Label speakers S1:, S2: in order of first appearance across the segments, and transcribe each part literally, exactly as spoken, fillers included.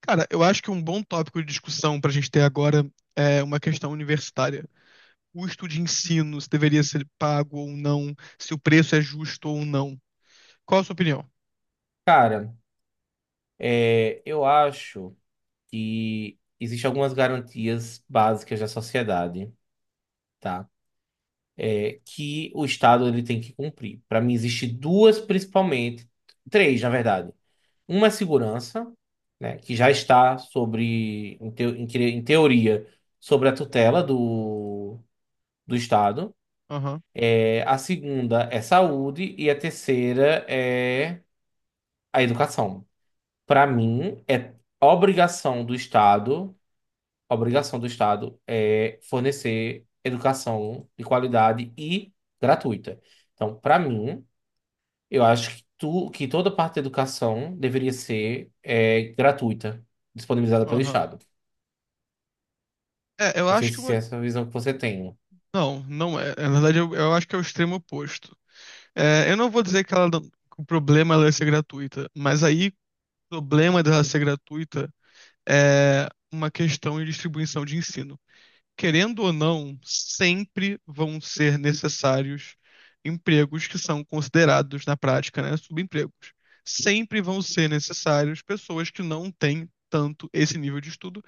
S1: Cara, eu acho que um bom tópico de discussão pra gente ter agora é uma questão universitária. Custo de ensino, se deveria ser pago ou não, se o preço é justo ou não. Qual a sua opinião?
S2: Cara, é, eu acho que existem algumas garantias básicas da sociedade, tá? É, que o Estado ele tem que cumprir. Para mim, existem duas principalmente, três, na verdade. Uma é segurança, né, que já está sobre, em, teo- em cre- em teoria, sobre a tutela do, do Estado.
S1: Aham.
S2: É, a segunda é saúde e a terceira é a educação. Para mim, é obrigação do Estado a obrigação do Estado é fornecer educação de qualidade e gratuita. Então, para mim, eu acho que, tu, que toda parte da educação deveria ser é, gratuita, disponibilizada pelo
S1: Aham.
S2: Estado.
S1: É, eu
S2: Não sei
S1: acho que
S2: se
S1: uma.
S2: é essa a visão que você tem.
S1: Não, não é. Na verdade, eu, eu acho que é o extremo oposto. É, eu não vou dizer que ela não- que o problema é ela ser gratuita, mas aí o problema dela ser gratuita é uma questão de distribuição de ensino. Querendo ou não, sempre vão ser necessários empregos que são considerados, na prática, né, subempregos. Sempre vão ser necessários pessoas que não têm tanto esse nível de estudo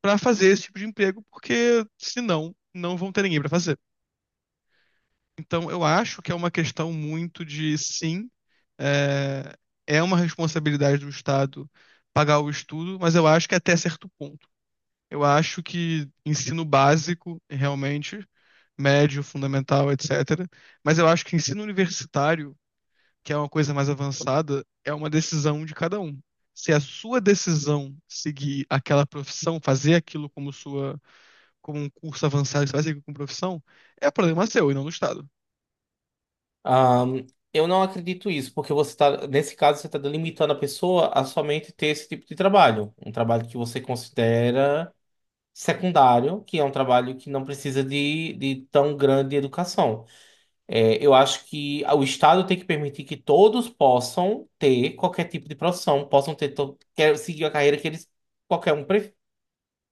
S1: para fazer esse tipo de emprego, porque senão não vão ter ninguém para fazer. Então, eu acho que é uma questão muito de sim, é, é uma responsabilidade do Estado pagar o estudo, mas eu acho que até certo ponto. Eu acho que ensino básico, realmente, médio, fundamental, etcétera. Mas eu acho que ensino universitário, que é uma coisa mais avançada, é uma decisão de cada um. Se a sua decisão seguir aquela profissão, fazer aquilo como sua, como um curso avançado, você vai seguir como profissão, é problema seu e não do Estado.
S2: Ahn, eu não acredito isso, porque você tá, nesse caso, você está delimitando a pessoa a somente ter esse tipo de trabalho, um trabalho que você considera secundário, que é um trabalho que não precisa de, de tão grande educação. É, eu acho que o Estado tem que permitir que todos possam ter qualquer tipo de profissão, possam ter to- quer seguir a carreira que eles qualquer um pre-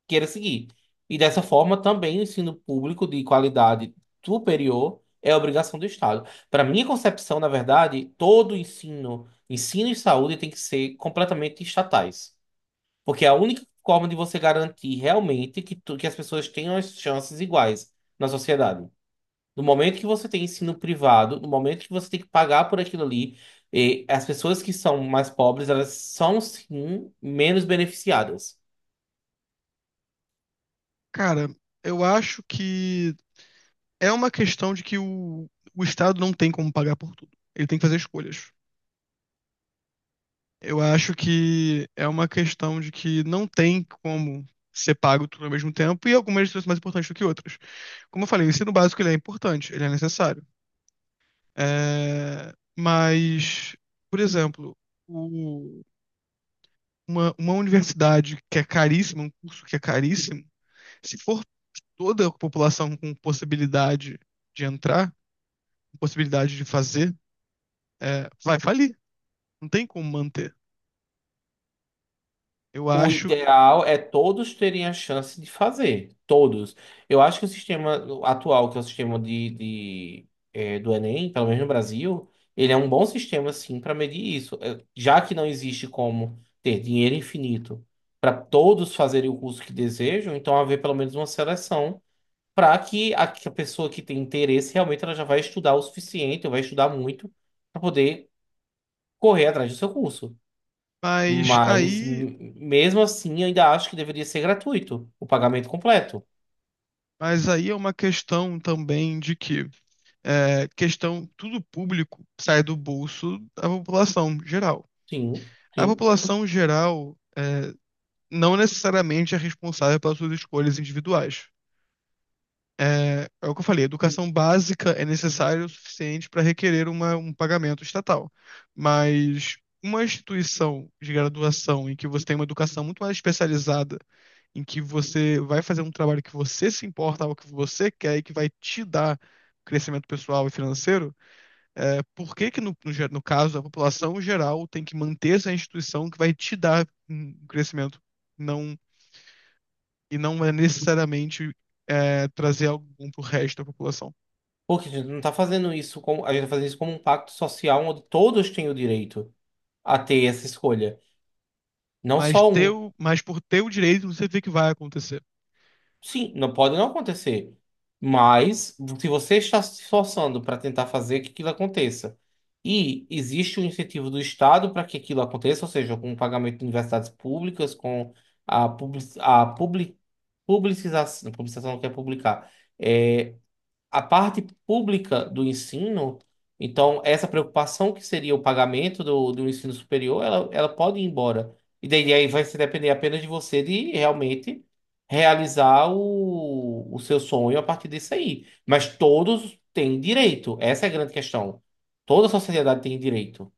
S2: queira seguir. E dessa forma, também o ensino público de qualidade superior é obrigação do Estado. Para minha concepção, na verdade, todo ensino, ensino e saúde tem que ser completamente estatais, porque é a única forma de você garantir realmente que, tu- que as pessoas tenham as chances iguais na sociedade. No momento que você tem ensino privado, no momento que você tem que pagar por aquilo ali, eh, as pessoas que são mais pobres, elas são sim menos beneficiadas.
S1: Cara, eu acho que é uma questão de que o, o Estado não tem como pagar por tudo. Ele tem que fazer escolhas. Eu acho que é uma questão de que não tem como ser pago tudo ao mesmo tempo e algumas lições são mais importantes do que outras. Como eu falei, o ensino básico ele é importante, ele é necessário. É, Mas, por exemplo, o- uma, uma universidade que é caríssima, um curso que é caríssimo, se for toda a população com possibilidade de entrar, com possibilidade de fazer, é, vai falir. Não tem como manter. Eu
S2: O
S1: acho,
S2: ideal é todos terem a chance de fazer, todos. Eu acho que o sistema atual, que é o sistema de, de, eh, do Enem, pelo menos no Brasil, ele é um bom sistema sim para medir isso. Eh, já que não existe como ter dinheiro infinito para todos fazerem o curso que desejam, então haver pelo menos uma seleção para que a, que a pessoa que tem interesse realmente ela já vai estudar o suficiente, ou vai estudar muito, para poder correr atrás do seu curso.
S1: mas
S2: Mas
S1: aí
S2: m- mesmo assim, eu ainda acho que deveria ser gratuito o pagamento completo.
S1: Mas aí é uma questão também de que é, questão, tudo público sai do bolso da população geral.
S2: Sim,
S1: A
S2: sim.
S1: população geral é, não necessariamente é responsável pelas suas escolhas individuais. É é o que eu falei, educação básica é necessária o suficiente para requerer uma- um pagamento estatal. Mas uma instituição de graduação em que você tem uma educação muito mais especializada em que você vai fazer um trabalho que você se importa, algo que você quer e que vai te dar crescimento pessoal e financeiro, é, por que que no, no, ge- no caso a população geral tem que manter essa instituição que vai te dar um crescimento não, e não é necessariamente é, trazer algum pro resto da população?
S2: Porque a gente não está fazendo isso como, a gente tá fazendo isso como um pacto social onde todos têm o direito a ter essa escolha, não
S1: Mas,
S2: só um.
S1: teu, mas por teu direito não significa que vai acontecer.
S2: Sim, não pode não acontecer. Mas se você está se esforçando para tentar fazer que aquilo aconteça e existe o incentivo do Estado para que aquilo aconteça, ou seja, com o pagamento de universidades públicas, com a, public, a public, publicização, publicização não quer publicar, é, a parte pública do ensino, então essa preocupação que seria o pagamento do, do ensino superior, ela, ela pode ir embora. E daí aí vai se depender apenas de você de realmente realizar o, o seu sonho a partir disso aí. Mas todos têm direito, essa é a grande questão. Toda a sociedade tem direito.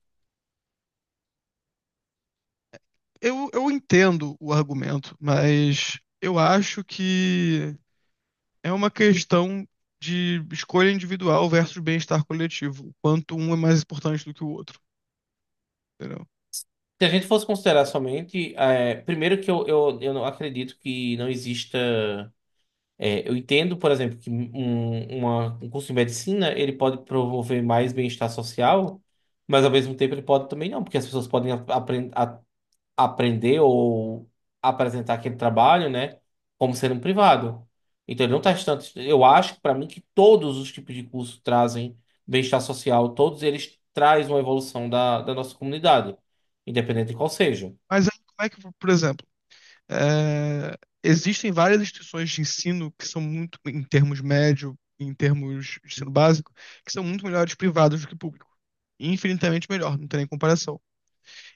S1: Eu, eu entendo o argumento, mas eu acho que é uma questão de escolha individual versus bem-estar coletivo. O Quanto um é mais importante do que o outro, entendeu?
S2: Se a gente fosse considerar somente, eh, primeiro que eu, eu, eu não acredito que não exista. É, eu entendo, por exemplo, que um, uma- um curso de medicina ele pode promover mais bem-estar social, mas ao mesmo tempo ele pode também não, porque as pessoas podem a- apren- a- aprender ou apresentar aquele trabalho, né, como sendo um privado. Então ele não está distante. Eu acho, para mim, que todos os tipos de curso trazem bem-estar social, todos eles trazem uma evolução da, da nossa comunidade, independente de qual seja.
S1: Mas aí, como é que, por exemplo, é, existem várias instituições de ensino que são muito, em termos médio, em termos de ensino básico, que são muito melhores privados do que público. Infinitamente melhor, não tem nem comparação.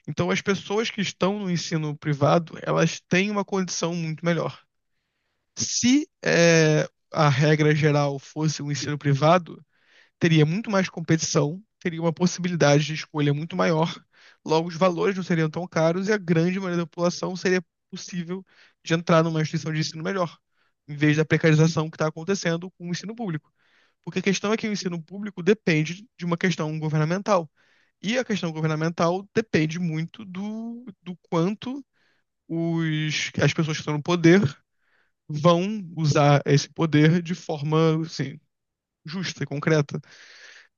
S1: Então, as pessoas que estão no ensino privado, elas têm uma condição muito melhor. Se eh, a regra geral fosse o ensino privado, teria muito mais competição, teria uma possibilidade de escolha muito maior, logo os valores não seriam tão caros e a grande maioria da população seria possível de entrar numa instituição de ensino melhor, em vez da precarização que está acontecendo com o ensino público. Porque a questão é que o ensino público depende de uma questão governamental. E a questão governamental depende muito do, do quanto os, as pessoas que estão no poder vão usar esse poder de forma, assim, justa e concreta.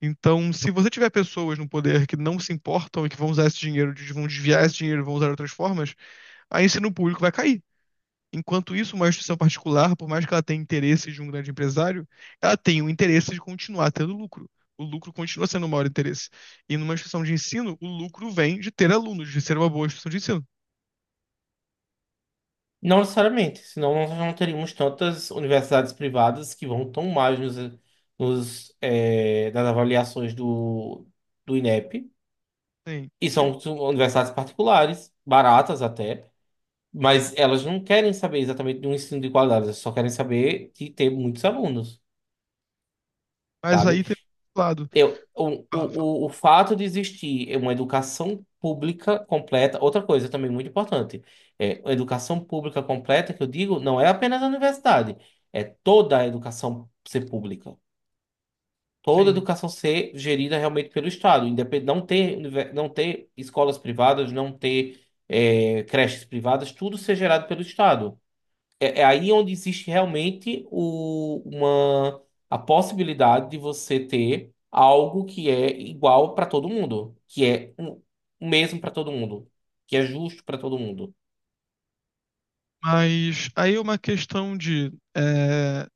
S1: Então, se você tiver pessoas no poder que não se importam e que vão usar esse dinheiro, de- vão desviar esse dinheiro, vão usar de outras formas, aí o ensino público vai cair. Enquanto isso, uma instituição particular, por mais que ela tenha interesses de um grande empresário, ela tem o interesse de continuar tendo lucro. O lucro continua sendo o maior interesse. E numa instituição de ensino, o lucro vem de ter alunos, de ser uma boa instituição de ensino.
S2: Não necessariamente, senão nós não teríamos tantas universidades privadas que vão tão mais nos, nos, eh, nas avaliações do, do INEP.
S1: Sim,
S2: E
S1: sim.
S2: são su- universidades particulares, baratas até, mas elas não querem saber exatamente de um ensino de qualidade, elas só querem saber de ter muitos alunos,
S1: Mas aí
S2: sabe?
S1: tem outro lado.
S2: Eu, o,
S1: Fala, fala.
S2: o, o o fato de existir uma educação pública completa, outra coisa também muito importante, é a educação pública completa, que eu digo, não é apenas a universidade, é toda a educação ser pública, toda a
S1: Sim.
S2: educação ser gerida realmente pelo Estado, independ, não ter, univer- não ter escolas privadas, não ter eh, creches privadas, tudo ser gerado pelo Estado. É, é aí onde existe realmente o- uma, a possibilidade de você ter algo que é igual para todo mundo, que é um- o mesmo para todo mundo, que é justo para todo mundo.
S1: Mas aí é uma questão de. é,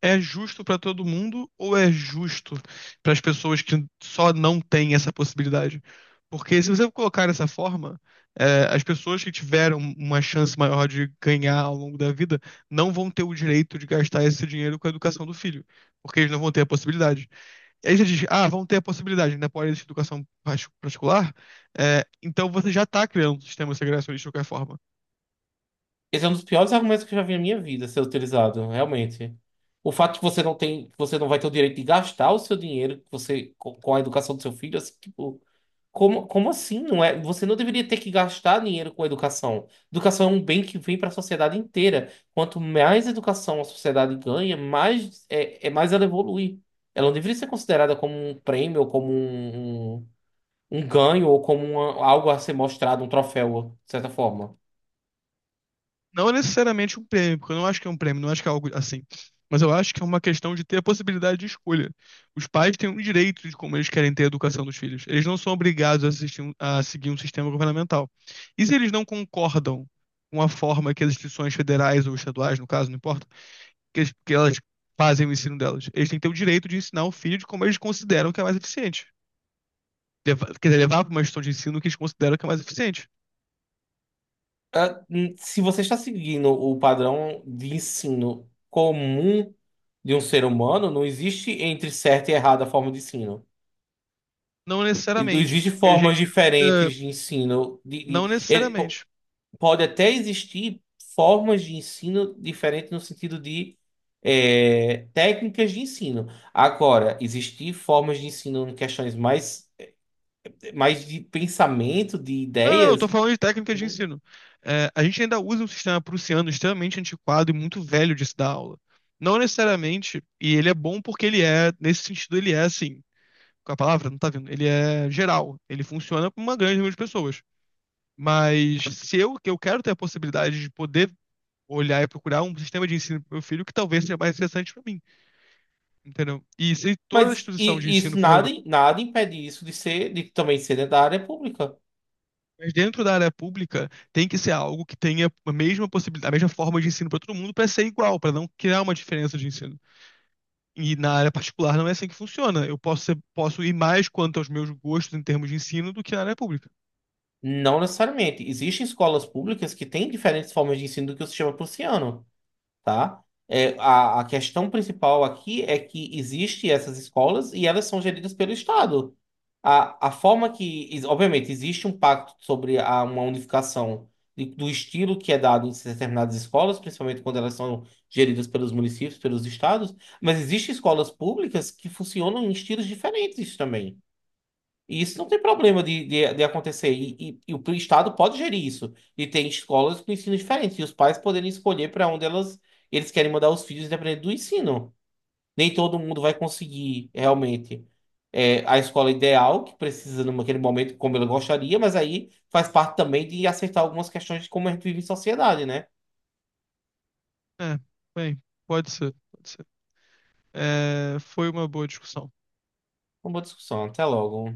S1: É justo para todo mundo ou é justo para as pessoas que só não têm essa possibilidade? Porque se você colocar dessa forma, é, as pessoas que tiveram uma chance maior de ganhar ao longo da vida não vão ter o direito de gastar esse dinheiro com a educação do filho, porque eles não vão ter a possibilidade. E aí você diz, ah, vão ter a possibilidade, ainda pode existir educação parti- particular. É, então você já está criando um sistema segregacionista de qualquer forma.
S2: Esse é um dos piores argumentos que eu já vi na minha vida ser utilizado, realmente. O fato de que você não tem, que você não vai ter o direito de gastar o seu dinheiro que você, com com a educação do seu filho, assim, tipo, como, como assim? Não é, você não deveria ter que gastar dinheiro com educação. Educação é um bem que vem para a sociedade inteira. Quanto mais educação a sociedade ganha, mais é, é mais ela evolui. Ela não deveria ser considerada como um prêmio, ou como um, um, um ganho, ou como uma- algo a ser mostrado, um troféu, de certa forma.
S1: Não é necessariamente um prêmio, porque eu não acho que é um prêmio, não acho que é algo assim. Mas eu acho que é uma questão de ter a possibilidade de escolha. Os pais têm o direito de como eles querem ter a educação dos filhos. Eles não são obrigados a, assistir um- a seguir um sistema governamental. E se eles não concordam com a forma que as instituições federais ou estaduais, no caso, não importa, que, eles- que elas fazem o ensino delas, eles têm que ter o direito de ensinar o filho de como eles consideram que é mais eficiente. Leva, quer dizer, levar para uma instituição de ensino que eles consideram que é mais eficiente.
S2: Ah, hum. Se você está seguindo o padrão de ensino comum de um ser humano, não existe entre certo e errado a forma de ensino.
S1: Não necessariamente,
S2: Existem
S1: porque a
S2: formas
S1: gente. eh,
S2: diferentes de ensino. De,
S1: Não
S2: de- ele po-
S1: necessariamente.
S2: pode até existir formas de ensino diferentes no sentido de é, técnicas de ensino. Agora, existir formas de ensino em questões mais, mais de pensamento, de
S1: Não, não, eu tô
S2: ideias.
S1: falando de técnica de
S2: Uhum.
S1: ensino. É, a gente ainda usa um sistema prussiano extremamente antiquado e muito velho de se dar aula. Não necessariamente, e ele é bom porque ele é, nesse sentido, ele é assim, com a palavra, não tá vendo? Ele é geral, ele funciona com uma grande número de pessoas. Mas se eu, que eu quero ter a possibilidade de poder olhar e procurar um sistema de ensino pro meu filho que talvez seja mais interessante para mim, entendeu? E se toda a
S2: mas
S1: instituição de
S2: i-
S1: ensino
S2: isso
S1: for.
S2: nada, nada impede isso de ser, de também ser dentro da área pública.
S1: Mas dentro da área pública tem que ser algo que tenha a mesma possibilidade, a mesma forma de ensino para todo mundo, para ser igual, para não criar uma diferença de ensino. E na área particular não é assim que funciona. Eu posso ser- posso ir mais quanto aos meus gostos em termos de ensino do que na área pública.
S2: Não necessariamente. Existem escolas públicas que têm diferentes formas de ensino do que o sistema prussiano. Tá? É, a, a questão principal aqui é que existe essas escolas e elas são geridas pelo Estado. A, a forma que, ex- obviamente, existe um pacto sobre a, uma unificação de- do estilo que é dado em determinadas escolas, principalmente quando elas são geridas pelos municípios, pelos estados, mas existem escolas públicas que funcionam em estilos diferentes também. E isso não tem problema de, de, de acontecer. E, e, e o Estado pode gerir isso. E tem escolas com ensino diferente. E os pais poderem escolher para onde elas, eles querem mandar os filhos, dependendo do ensino. Nem todo mundo vai conseguir realmente é, a escola ideal, que precisa naquele momento, como ele gostaria, mas aí faz parte também de acertar algumas questões de como a gente vive em sociedade, né?
S1: É, bem, pode ser, pode ser. É, foi uma boa discussão.
S2: Uma boa discussão. Até logo.